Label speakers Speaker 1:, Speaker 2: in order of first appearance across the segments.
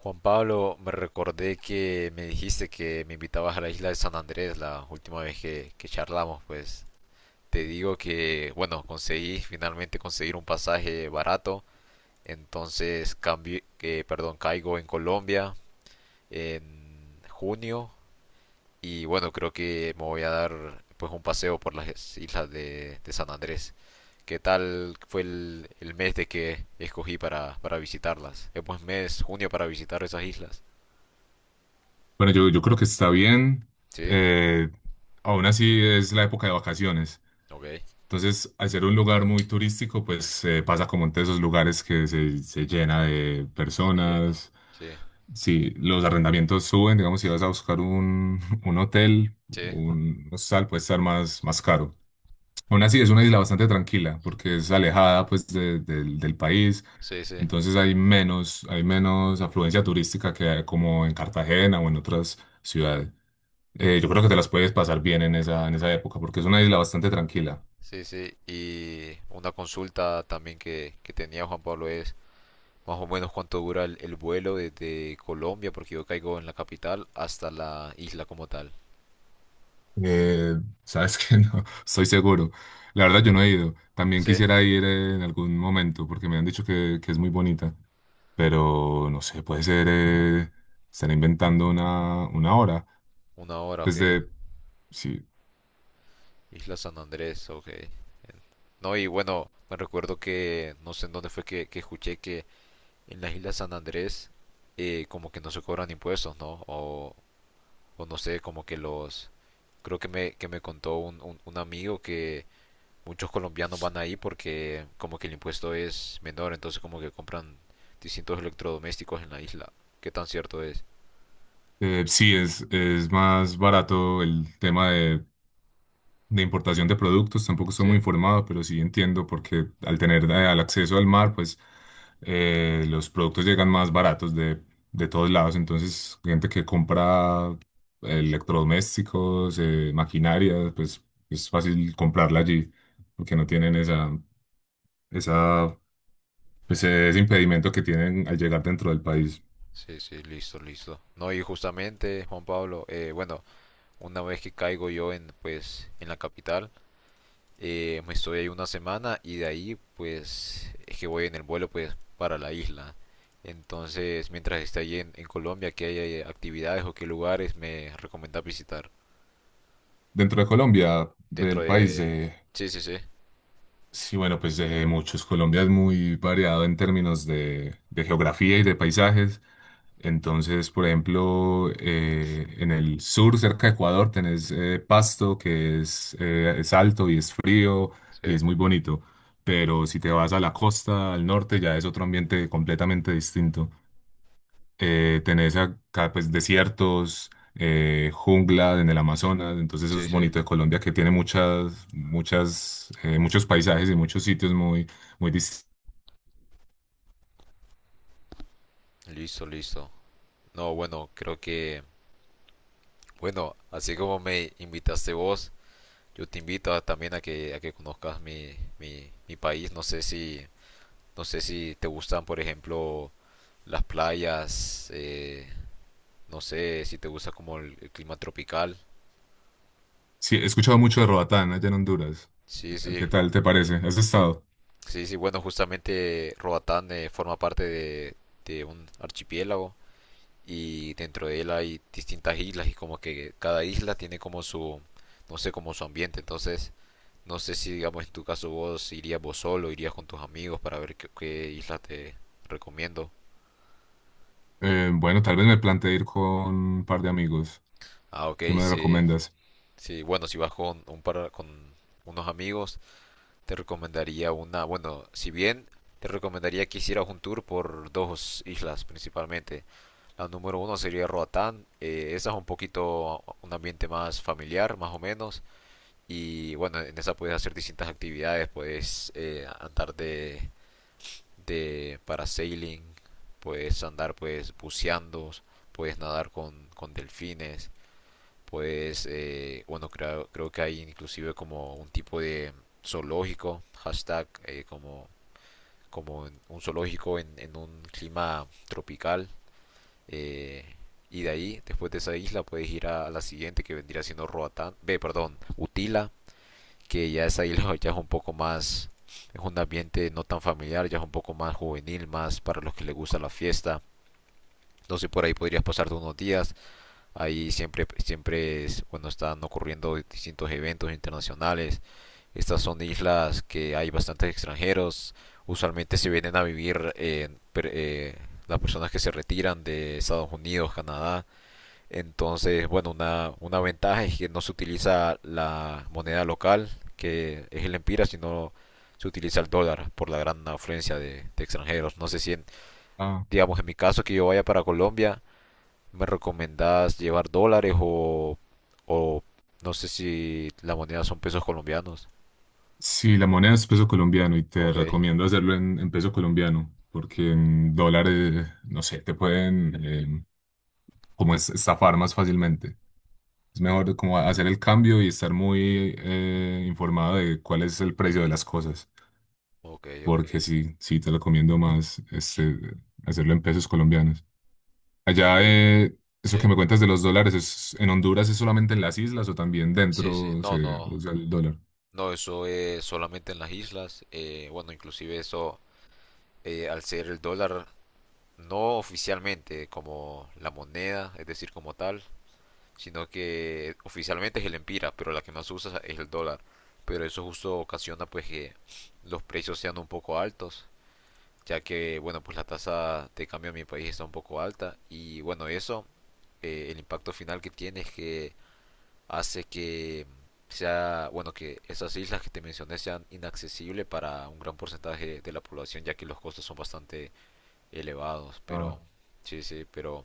Speaker 1: Juan Pablo, me recordé que me dijiste que me invitabas a la isla de San Andrés la última vez que charlamos, pues te digo que, bueno, conseguí finalmente conseguir un pasaje barato, entonces cambié, que, perdón, caigo en Colombia en junio. Y bueno, creo que me voy a dar pues un paseo por las islas de San Andrés. ¿Qué tal fue el mes de que escogí para visitarlas? ¿Es buen mes, junio, para visitar esas islas?
Speaker 2: Bueno, yo creo que está bien.
Speaker 1: Sí,
Speaker 2: eh, Aún así es la época de vacaciones.
Speaker 1: ok.
Speaker 2: Entonces, al ser un lugar muy turístico, pues pasa como entre esos lugares que se llena de
Speaker 1: Se llena.
Speaker 2: personas.
Speaker 1: Sí,
Speaker 2: Si los arrendamientos suben, digamos, si vas a buscar un, un hotel,
Speaker 1: sí,
Speaker 2: un hostal puede estar más, más caro. Aún así es una isla bastante tranquila porque es alejada pues del país.
Speaker 1: sí, sí,
Speaker 2: Entonces hay menos afluencia turística que como en Cartagena o en otras ciudades. Yo creo que te las puedes pasar bien en esa época, porque es una isla bastante tranquila.
Speaker 1: sí. Y una consulta también que tenía Juan Pablo es más o menos cuánto dura el vuelo desde Colombia, porque yo caigo en la capital, hasta la isla como tal.
Speaker 2: Eh, sabes que no, estoy seguro. La verdad, yo no he ido. También
Speaker 1: Sí,
Speaker 2: quisiera ir en algún momento, porque me han dicho que es muy bonita, pero no sé, puede ser, están inventando una hora.
Speaker 1: una hora, ok.
Speaker 2: Desde, sí,
Speaker 1: Isla San Andrés, ok. No, y bueno, me recuerdo que no sé en dónde fue que escuché que en la isla San Andrés como que no se cobran impuestos, ¿no? O no sé, como que los... Creo que que me contó un amigo que muchos colombianos van ahí porque como que el impuesto es menor, entonces como que compran distintos electrodomésticos en la isla. ¿Qué tan cierto es?
Speaker 2: sí, es más barato el tema de importación de productos, tampoco estoy
Speaker 1: Sí.
Speaker 2: muy informado, pero sí entiendo porque al tener el acceso al mar, pues los productos llegan más baratos de todos lados. Entonces, gente que compra electrodomésticos,
Speaker 1: Ujú.
Speaker 2: maquinaria, pues es fácil comprarla allí porque no tienen esa, esa, pues, ese impedimento que tienen al llegar dentro del país.
Speaker 1: Sí, sí, listo, listo. No, y justamente, Juan Pablo, bueno, una vez que caigo yo en, pues, en la capital, me estoy ahí una semana y de ahí, pues, es que voy en el vuelo, pues, para la isla. Entonces, mientras esté allí en Colombia, ¿qué hay, actividades o qué lugares me recomienda visitar
Speaker 2: Dentro de Colombia,
Speaker 1: dentro
Speaker 2: el país,
Speaker 1: de... Sí, sí, sí.
Speaker 2: sí, bueno, pues de muchos. Colombia es muy variado en términos de geografía y de paisajes. Entonces, por ejemplo, en el sur, cerca de Ecuador, tenés Pasto, que es alto y es frío y
Speaker 1: Sí,
Speaker 2: es muy bonito. Pero si te vas a la costa, al norte, ya es otro ambiente completamente distinto, tenés acá pues desiertos, jungla en el Amazonas, entonces eso
Speaker 1: sí,
Speaker 2: es
Speaker 1: sí.
Speaker 2: bonito de Colombia, que tiene muchas, muchas, muchos paisajes y muchos sitios muy, muy distintos.
Speaker 1: Listo, listo. No, bueno, creo que, bueno, así como me invitaste vos, yo te invito a- también a que conozcas mi país. No sé si, no sé si te gustan, por ejemplo, las playas, no sé si te gusta como el clima tropical.
Speaker 2: Sí, he escuchado mucho de Roatán allá en Honduras.
Speaker 1: Sí, sí,
Speaker 2: ¿Qué tal te parece? ¿Has estado?
Speaker 1: sí, sí. Bueno, justamente Roatán forma parte de un archipiélago. Y dentro de él hay distintas islas y como que cada isla tiene como su, no sé, como su ambiente. Entonces, no sé si digamos en tu caso vos irías vos solo, irías con tus amigos para ver qué isla te recomiendo.
Speaker 2: Bueno, tal vez me planteé ir con un par de amigos.
Speaker 1: Ah, ok,
Speaker 2: ¿Qué me
Speaker 1: sí,
Speaker 2: recomiendas?
Speaker 1: sí, bueno, si vas con un par, con unos amigos, te recomendaría una, bueno, si bien te recomendaría que hicieras un tour por dos islas principalmente. La número uno sería Roatán, esa es un poquito un ambiente más familiar, más o menos. Y bueno, en esa puedes hacer distintas actividades, puedes andar de parasailing, puedes andar pues buceando, puedes nadar con delfines, puedes, bueno, creo, creo que hay inclusive como un tipo de zoológico, hashtag, como, como un zoológico en un clima tropical. eh, y de ahí, después de esa isla, puedes ir a la siguiente que vendría siendo Roatán, ve, perdón, Utila, que ya es ahí, ya es un poco más, es un ambiente no tan familiar, ya es un poco más juvenil, más para los que les gusta la fiesta. Entonces por ahí podrías pasarte unos días. Ahí siempre, siempre es, bueno, están ocurriendo distintos eventos internacionales. Estas son islas que hay bastantes extranjeros. Usualmente se vienen a vivir las personas que se retiran de Estados Unidos, Canadá. Entonces, bueno, una ventaja es que no se utiliza la moneda local, que es el empira, sino se utiliza el dólar por la gran afluencia de extranjeros. No sé si, en-
Speaker 2: Ah,
Speaker 1: digamos, en mi caso que yo vaya para Colombia, ¿me recomendás llevar dólares o no sé si la moneda son pesos colombianos?
Speaker 2: sí, la moneda es peso colombiano y te
Speaker 1: Ok,
Speaker 2: recomiendo hacerlo en peso colombiano, porque en dólares, no sé, te pueden como estafar más fácilmente. Es mejor como hacer el cambio y estar muy informado de cuál es el precio de las cosas,
Speaker 1: ok, ok.
Speaker 2: porque sí, sí te recomiendo más este, hacerlo en pesos colombianos. Allá,
Speaker 1: Y
Speaker 2: eso que
Speaker 1: sí,
Speaker 2: me cuentas de los dólares, es, ¿en Honduras es solamente en las islas o también
Speaker 1: sí, sí.
Speaker 2: dentro
Speaker 1: No,
Speaker 2: se
Speaker 1: no,
Speaker 2: usa el dólar?
Speaker 1: no, eso es solamente en las islas. Bueno, inclusive eso, al ser el dólar no oficialmente como la moneda, es decir, como tal, sino que oficialmente es el empira, pero la que más usa es el dólar. Pero eso justo ocasiona pues que los precios sean un poco altos, ya que bueno, pues la tasa de cambio en mi país está un poco alta y bueno, eso el impacto final que tiene es que hace que sea, bueno, que esas islas que te mencioné sean inaccesibles para un gran porcentaje de la población, ya que los costos son bastante elevados, pero
Speaker 2: Ah,
Speaker 1: sí, sí,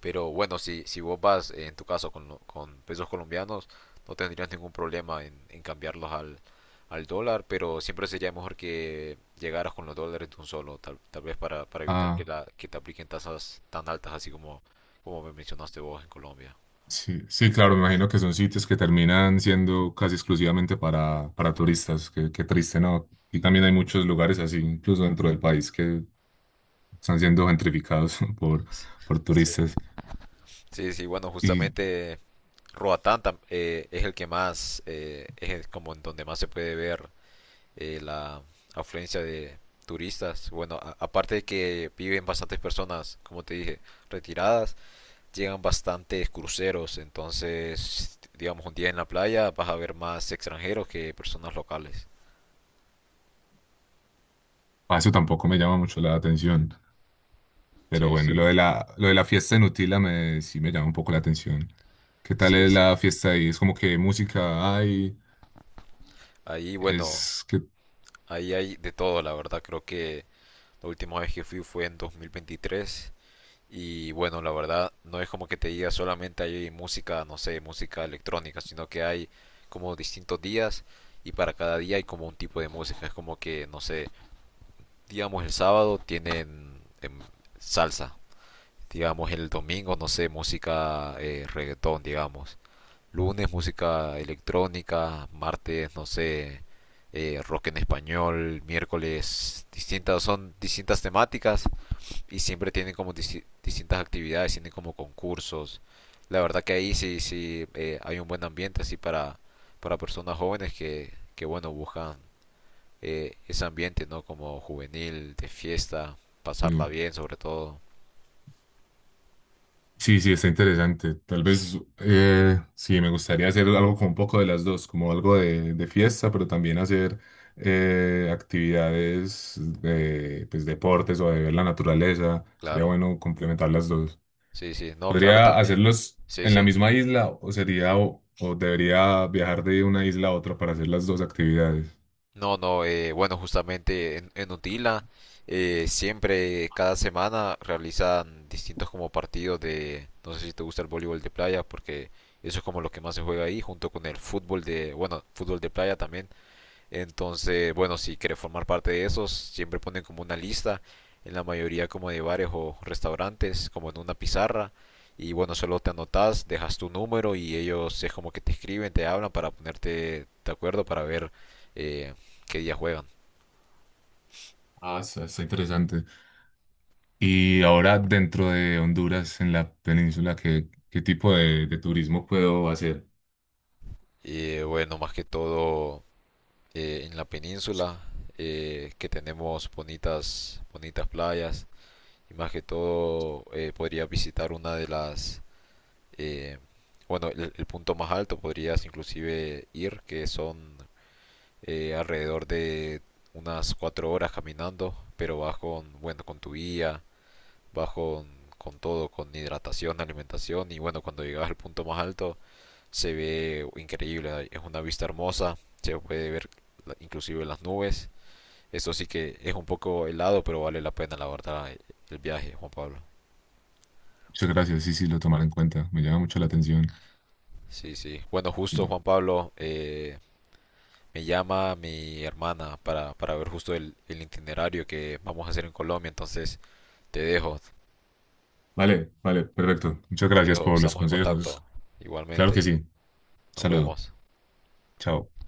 Speaker 1: pero bueno, si, si vos vas en tu caso con, lo- con pesos colombianos, no tendrías ningún problema en cambiarlos al, al dólar, pero siempre sería mejor que llegaras con los dólares de un solo, tal, tal vez para evitar que,
Speaker 2: ah,
Speaker 1: la, que te apliquen tasas tan altas, así como, como me mencionaste vos en Colombia.
Speaker 2: sí, sí, claro, me imagino que son sitios que terminan siendo casi exclusivamente para turistas. Qué, qué triste, ¿no? Y también hay muchos lugares así, incluso dentro del país, que están siendo gentrificados por
Speaker 1: Sí,
Speaker 2: turistas.
Speaker 1: sí, sí, bueno,
Speaker 2: Y
Speaker 1: justamente Roatán tam- es el que más, es el- como en donde más se puede ver la afluencia de turistas. Bueno, a- aparte de que viven bastantes personas, como te dije, retiradas, llegan bastantes cruceros. Entonces, digamos, un día en la playa vas a ver más extranjeros que personas locales.
Speaker 2: a eso tampoco me llama mucho la atención. Pero
Speaker 1: Sí, sí,
Speaker 2: bueno, lo de la fiesta en Utila me, sí me llama un poco la atención. ¿Qué tal
Speaker 1: sí.
Speaker 2: es
Speaker 1: Sí.
Speaker 2: la fiesta ahí? Es como que música hay,
Speaker 1: Ahí, bueno,
Speaker 2: es que...
Speaker 1: ahí hay de todo, la verdad. Creo que la última vez que fui fue en 2023. Y bueno, la verdad, no es como que te diga solamente hay música, no sé, música electrónica, sino que hay como distintos días y para cada día hay como un tipo de música. Es como que, no sé, digamos el sábado tienen salsa, digamos el domingo, no sé, música reggaetón, digamos. Lunes música electrónica, martes, no sé, rock en español, miércoles, distintas, son distintas temáticas y siempre tienen como disti- distintas actividades, tienen como concursos. La verdad que ahí sí, sí hay un buen ambiente así para personas jóvenes que bueno, buscan ese ambiente, ¿no? Como juvenil, de fiesta, pasarla
Speaker 2: eh,
Speaker 1: bien sobre todo.
Speaker 2: sí, sí, está interesante. Tal vez, sí, me gustaría hacer algo con un poco de las dos, como algo de fiesta, pero también hacer actividades de pues, deportes o de ver la naturaleza. Sería
Speaker 1: Claro,
Speaker 2: bueno complementar las dos.
Speaker 1: sí, sí, no, claro
Speaker 2: ¿Podría
Speaker 1: también,
Speaker 2: hacerlos
Speaker 1: sí,
Speaker 2: en la
Speaker 1: sí.
Speaker 2: misma isla o sería o debería viajar de una isla a otra para hacer las dos actividades?
Speaker 1: No, no, bueno, justamente en Utila siempre, cada semana realizan distintos como partidos de, no sé si te gusta el voleibol de playa, porque eso es como lo que más se juega ahí, junto con el fútbol de, bueno, fútbol de playa también. Entonces, bueno, si quieres formar parte de esos, siempre ponen como una lista, en la mayoría como de bares o restaurantes, como en una pizarra. Y bueno, solo te anotas, dejas tu número y ellos es como que te escriben, te hablan para ponerte de acuerdo para ver eh, qué día juegan.
Speaker 2: Ah, está, está interesante. Y ahora dentro de Honduras, en la península, ¿qué, qué tipo de turismo puedo hacer?
Speaker 1: Y bueno, más que todo en la península, que tenemos bonitas, bonitas playas. Y más que todo podría visitar una de las eh, bueno, el punto más alto podrías inclusive ir, que son alrededor de unas 4 horas caminando, pero vas con, bueno, con tu guía, vas con todo, con hidratación, alimentación y bueno, cuando llegas al punto más alto se ve increíble, es una vista hermosa, se puede ver la- inclusive las nubes. Eso sí que es un poco helado, pero vale la pena, la verdad, el viaje, Juan Pablo.
Speaker 2: Muchas gracias, sí, sí, lo tomaré en cuenta. Me llama mucho la atención.
Speaker 1: Sí, sí. Bueno, justo
Speaker 2: Y-
Speaker 1: Juan Pablo, me llama mi hermana para ver justo el itinerario que vamos a hacer en Colombia. Entonces, te dejo,
Speaker 2: vale, vale, perfecto. Muchas
Speaker 1: te
Speaker 2: gracias
Speaker 1: dejo,
Speaker 2: por los
Speaker 1: estamos en
Speaker 2: consejos.
Speaker 1: contacto.
Speaker 2: Claro que
Speaker 1: Igualmente,
Speaker 2: sí.
Speaker 1: nos
Speaker 2: Saludo.
Speaker 1: vemos.
Speaker 2: Chao.